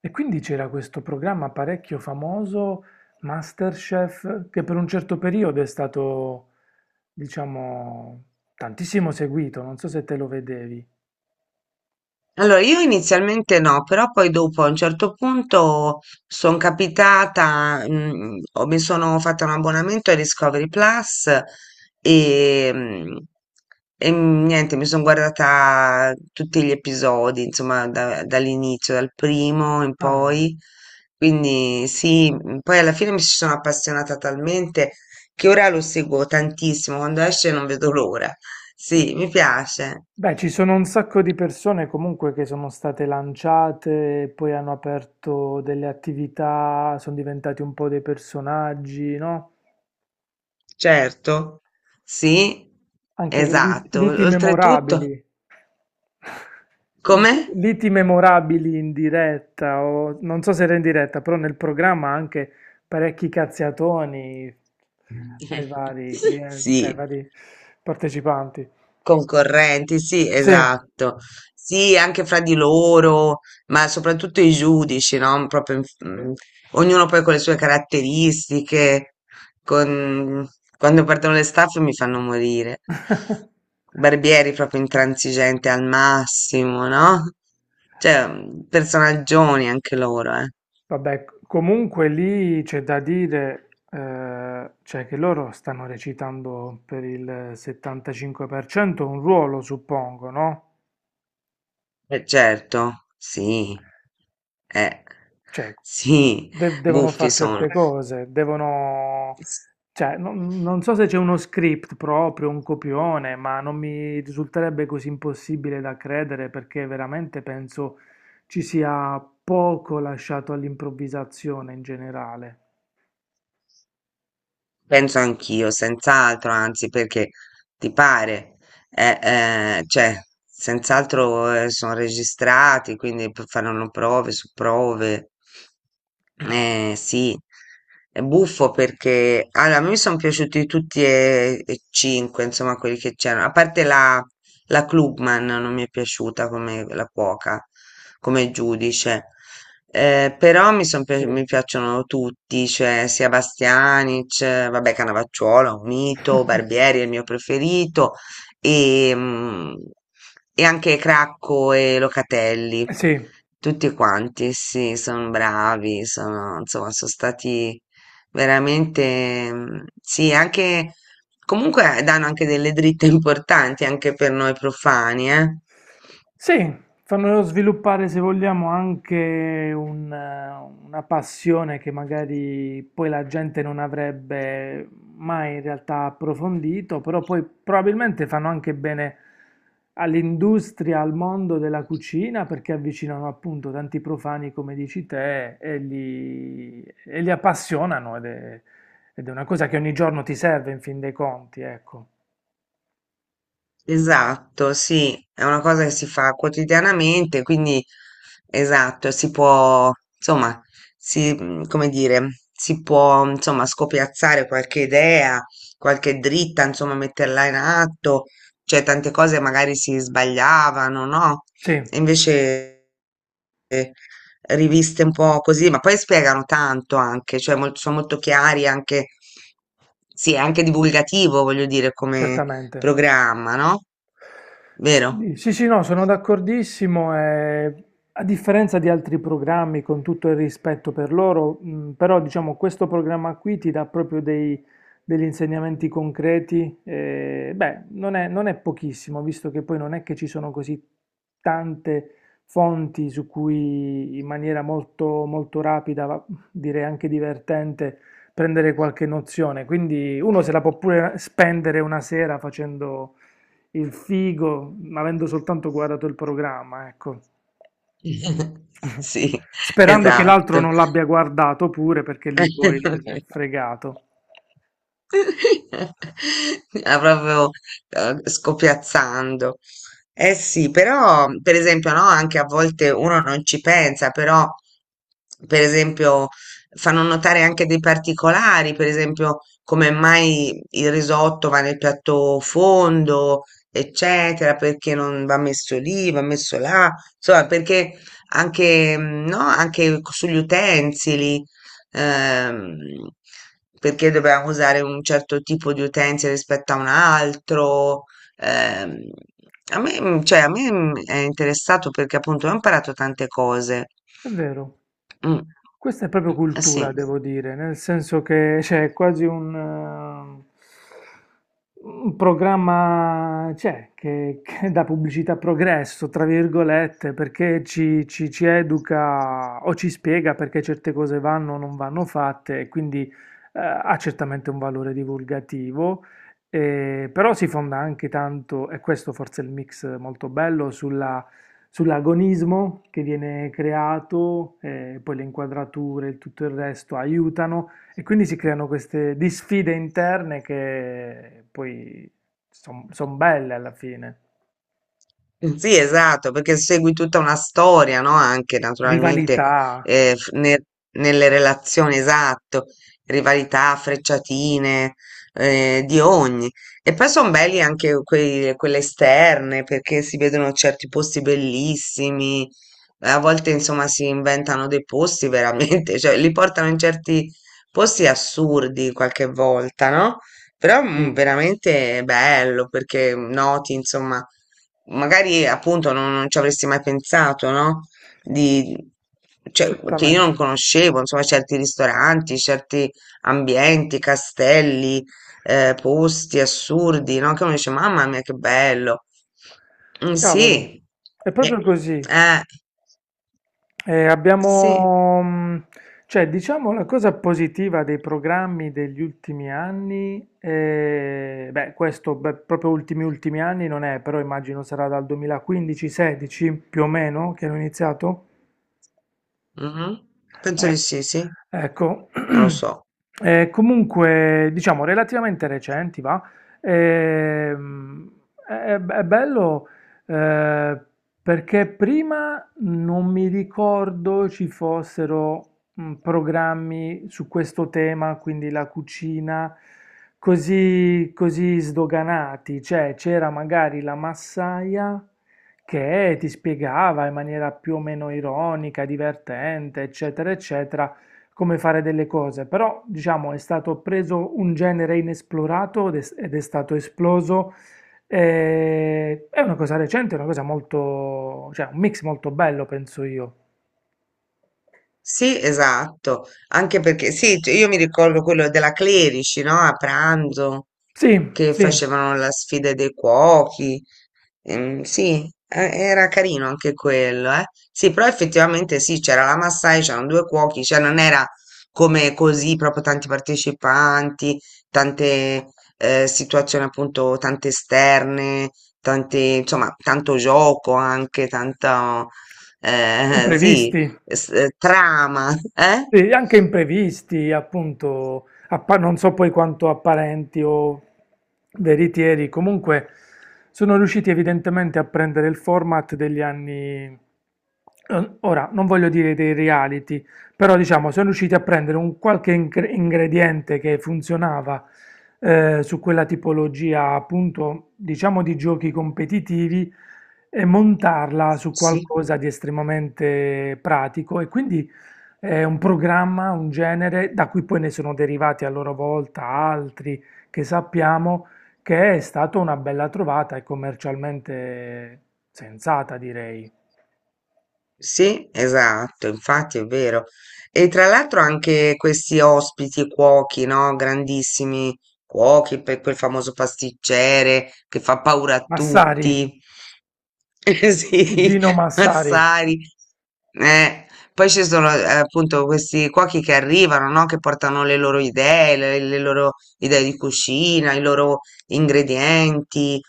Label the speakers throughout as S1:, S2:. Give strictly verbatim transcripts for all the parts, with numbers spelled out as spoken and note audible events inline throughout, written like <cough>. S1: E quindi c'era questo programma parecchio famoso, MasterChef, che per un certo periodo è stato, diciamo, tantissimo seguito, non so se te lo vedevi.
S2: Allora, io inizialmente no, però poi dopo a un certo punto sono capitata, mm, ho- mi sono fatta un abbonamento ai Discovery Plus e, mm, e mhmm, niente, mi sono guardata tutti gli episodi, insomma, da- dall'inizio, dal primo in
S1: Ah,
S2: poi. Quindi sì, mm, poi alla fine mi ci sono appassionata talmente che ora lo seguo tantissimo, quando esce non vedo l'ora. Sì, mi piace.
S1: beh, ci sono un sacco di persone comunque che sono state lanciate, poi hanno aperto delle attività, sono diventati un po' dei personaggi, no?
S2: Certo, sì,
S1: Anche lit-
S2: esatto.
S1: liti
S2: Oltretutto,
S1: memorabili. <laughs>
S2: come?
S1: Liti memorabili in diretta, o non so se era in diretta, però nel programma anche parecchi cazziatoni ai
S2: <laughs>
S1: vari clienti, cioè ai
S2: Sì,
S1: vari partecipanti.
S2: concorrenti, sì,
S1: Sì,
S2: esatto. Sì, anche fra di loro, ma soprattutto i giudici, no? Proprio, in- mm, ognuno poi con le sue caratteristiche. con- Quando perdono le staffe mi fanno morire.
S1: <laughs>
S2: Barbieri proprio intransigente al massimo, no? Cioè, mm, personaggioni anche loro, eh.
S1: vabbè, comunque lì c'è da dire, eh, cioè che loro stanno recitando per il settantacinque per cento un ruolo, suppongo, no?
S2: Eh certo, sì. Eh,
S1: Cioè,
S2: sì,
S1: de- devono
S2: buffi
S1: fare
S2: sono.
S1: certe cose, devono.
S2: S-
S1: Cioè, non, non so se c'è uno script proprio, un copione, ma non mi risulterebbe così impossibile da credere perché veramente penso ci sia poco lasciato all'improvvisazione in generale.
S2: Penso anch'io, senz'altro, anzi, perché ti pare, eh, eh, cioè, senz'altro eh, sono registrati, quindi p- faranno prove su prove. Eh,
S1: Cavolo.
S2: sì, è buffo perché allora, a me sono piaciuti tutti e, e cinque, insomma, quelli che c'erano, a parte la, La Clubman non mi è piaciuta come la cuoca, come giudice. Eh, però mi, son
S1: Sì,
S2: pi- mi piacciono tutti, cioè sia Bastianic, eh, vabbè Cannavacciuolo, un mito, Barbieri è il mio preferito e, mm, e anche Cracco e Locatelli,
S1: sì,
S2: tutti quanti, sì, sono bravi, sono, insomma, sono stati veramente, mm, sì, anche... Comunque eh, danno anche delle dritte importanti anche per noi profani, eh.
S1: sì, fanno sviluppare, se vogliamo, anche un, eh, una passione che magari poi la gente non avrebbe mai in realtà approfondito, però poi probabilmente fanno anche bene all'industria, al mondo della cucina, perché avvicinano appunto tanti profani, come dici te, e li, e li appassionano ed è, ed è una cosa che ogni giorno ti serve in fin dei conti, ecco.
S2: Esatto, sì, è una cosa che si fa quotidianamente, quindi esatto, si può, insomma, si, mm, come dire, si può, insomma, scopiazzare qualche idea, qualche dritta, insomma, metterla in atto, cioè tante cose magari si sbagliavano, no?
S1: Sì,
S2: E invece eh, riviste un po' così, ma poi spiegano tanto anche, cioè mol- sono molto chiari anche, sì, è anche divulgativo, voglio dire, come,
S1: certamente.
S2: programma, no? Vero?
S1: Sì, sì, sì, no, sono d'accordissimo. eh, a differenza di altri programmi, con tutto il rispetto per loro, mh, però diciamo questo programma qui ti dà proprio dei- degli insegnamenti concreti. Eh, beh, non è, non è pochissimo, visto che poi non è che ci sono così tante fonti su cui in maniera molto, molto rapida, va- direi anche divertente, prendere qualche nozione. Quindi uno se la può pure spendere una sera facendo il figo, avendo soltanto guardato il programma, ecco.
S2: <laughs>
S1: <laughs>
S2: Sì,
S1: Sperando che l'altro
S2: esatto.
S1: non l'abbia guardato pure perché lì poi è
S2: <laughs>
S1: fregato.
S2: <laughs> Ah, proprio, uhm, scopiazzando. Eh sì, però per esempio, no, anche a volte uno non ci pensa, però per esempio fanno notare anche dei particolari, per esempio come mai il risotto va nel piatto fondo, eccetera, perché non va messo lì, va messo là, insomma perché anche, mhmm, no, anche co sugli utensili ehm, perché dovevamo usare un certo tipo di utenze rispetto a un altro. ehm, a me, mm, cioè, a me mm, è interessato perché appunto ho imparato tante cose.
S1: È vero.
S2: Mm,
S1: Questa è proprio
S2: eh sì.
S1: cultura, devo dire, nel senso che c'è quasi un, eh, un programma, c'è, che, che dà pubblicità a progresso, tra virgolette, perché ci, ci- ci educa o ci spiega perché certe cose vanno o non vanno fatte, e quindi eh, ha certamente un valore divulgativo, eh, però si fonda anche tanto, e questo forse è il mix molto bello, sulla sull'agonismo che viene creato, eh, poi le inquadrature e tutto il resto aiutano e quindi si creano queste di sfide interne che poi sono belle alla fine.
S2: Sì, esatto, perché segui tutta una storia, no? Anche naturalmente
S1: Rivalità,
S2: eh, f- ne- nelle relazioni, esatto, rivalità, frecciatine, eh, di ogni. E poi sono belli anche quei- quelle esterne, perché si vedono certi posti bellissimi, eh, a volte insomma si inventano dei posti veramente, <laughs> cioè li portano in certi posti assurdi qualche volta, no? Però mm,
S1: sì,
S2: veramente bello perché noti, insomma, magari appunto non, non ci avresti mai pensato, no? Di, cioè, che io non
S1: certamente.
S2: conoscevo, insomma, certi ristoranti, certi ambienti, castelli, eh, posti assurdi, no? Che uno dice, mamma mia, che bello. Mm,
S1: Cavolo,
S2: sì,
S1: è
S2: eh,
S1: proprio così.
S2: eh,
S1: Eh,
S2: sì,
S1: abbiamo, mh, cioè, diciamo la cosa positiva dei programmi degli ultimi anni, eh, beh, questo beh, proprio ultimi ultimi anni non è, però immagino sarà dal duemilaquindici sedici più o meno che hanno iniziato.
S2: mhm. Penso
S1: Eh,
S2: di sì, sì,
S1: ecco,
S2: non lo
S1: <clears throat>
S2: so.
S1: Eh, comunque, diciamo, relativamente recenti, va. Ehm, è, è bello eh, perché prima non mi ricordo ci fossero mm, programmi su questo tema, quindi la cucina, così, così sdoganati. Cioè, c'era magari la massaia che ti spiegava in maniera più o meno ironica, divertente, eccetera, eccetera, come fare delle cose. Però, diciamo, è stato preso un genere inesplorato ed è, ed è stato esploso. eh, è una cosa recente, è una cosa molto, cioè un mix molto bello, penso io.
S2: Sì, esatto, anche perché sì, cioè, io mi ricordo quello della Clerici, no? A pranzo
S1: Sì,
S2: che
S1: sì,
S2: facevano la sfida dei cuochi. Ehm, sì, eh, era carino anche quello, eh. Sì, però effettivamente sì, c'era la Massai, c'erano due cuochi, cioè non era come così proprio tanti partecipanti, tante eh, situazioni appunto, tante esterne, tante, insomma, tanto gioco anche, tanto eh, <laughs> sì
S1: imprevisti.
S2: s- eh, trama, eh?
S1: Sì, anche imprevisti, appunto, appa- non so poi quanto apparenti o veritieri, comunque sono riusciti evidentemente a prendere il format degli anni, eh, ora non voglio dire dei reality, però diciamo sono riusciti a prendere un qualche ingre- ingrediente che funzionava eh, su quella tipologia, appunto, diciamo di giochi competitivi e montarla su
S2: Sì,
S1: qualcosa di estremamente pratico e quindi. È un programma, un genere, da cui poi ne sono derivati a loro volta altri che sappiamo, che è stata una bella trovata e commercialmente sensata, direi.
S2: sì, esatto, infatti è vero. E tra l'altro anche questi ospiti cuochi, no? Grandissimi cuochi, per quel famoso pasticcere che fa paura a
S1: Massari,
S2: tutti. <laughs> Sì,
S1: Gino Massari,
S2: Massari. Eh, Poi ci sono eh, appunto questi cuochi che arrivano, no? Che portano le loro idee, le, le loro idee di cucina, i loro ingredienti,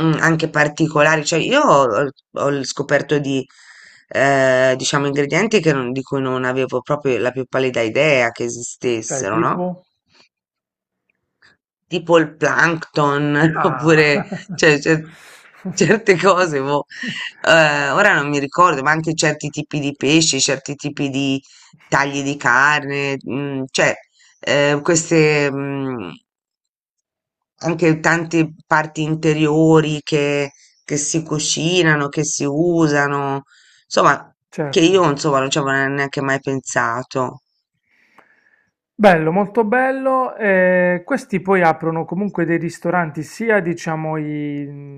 S2: mm, anche particolari. Cioè, io ho, ho scoperto di, eh, diciamo, ingredienti che non- di cui non avevo proprio la più pallida idea che
S1: cioè
S2: esistessero, no?
S1: tipo.
S2: Tipo il plankton, <laughs>
S1: Ah,
S2: oppure cioè, cer- certe
S1: <laughs>
S2: cose, boh. Eh, ora non mi ricordo, ma anche certi tipi di pesci, certi tipi di tagli di carne, mm, cioè eh, queste mm, anche tante parti interiori che, che si cucinano, che si usano, insomma, che io
S1: certo.
S2: insomma non ci avevo neanche mai pensato.
S1: Bello, molto bello. eh, questi poi aprono comunque dei ristoranti, sia diciamo i,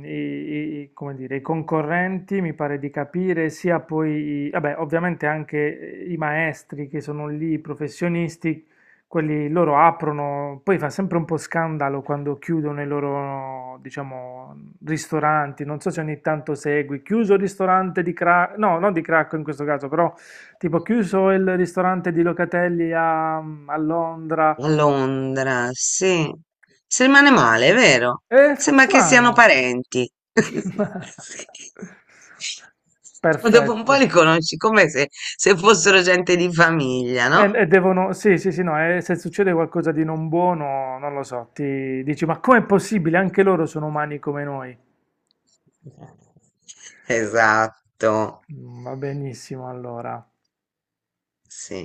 S1: i- i- come dire, i concorrenti, mi pare di capire, sia poi, i- vabbè, ovviamente anche eh, i maestri che sono lì, i professionisti, quelli loro aprono, poi fa sempre un po' scandalo quando chiudono i loro, diciamo, ristoranti. Non so se ogni tanto segui, chiuso il ristorante di Cracco, no, non di Cracco in questo caso, però tipo, chiuso il ristorante di Locatelli a, a Londra.
S2: A Londra, sì. Si rimane male, è vero?
S1: E fa
S2: Sembra che
S1: strano.
S2: siano parenti. <laughs>
S1: <laughs>
S2: Ma dopo un
S1: Perfetto.
S2: po' li conosci come se, se fossero gente di famiglia,
S1: E,
S2: no?
S1: e devono, sì, sì, sì, no, e se succede qualcosa di non buono, non lo so, ti dici, ma com'è possibile? Anche loro sono umani come noi.
S2: Esatto,
S1: Mm, Va benissimo, allora.
S2: sì.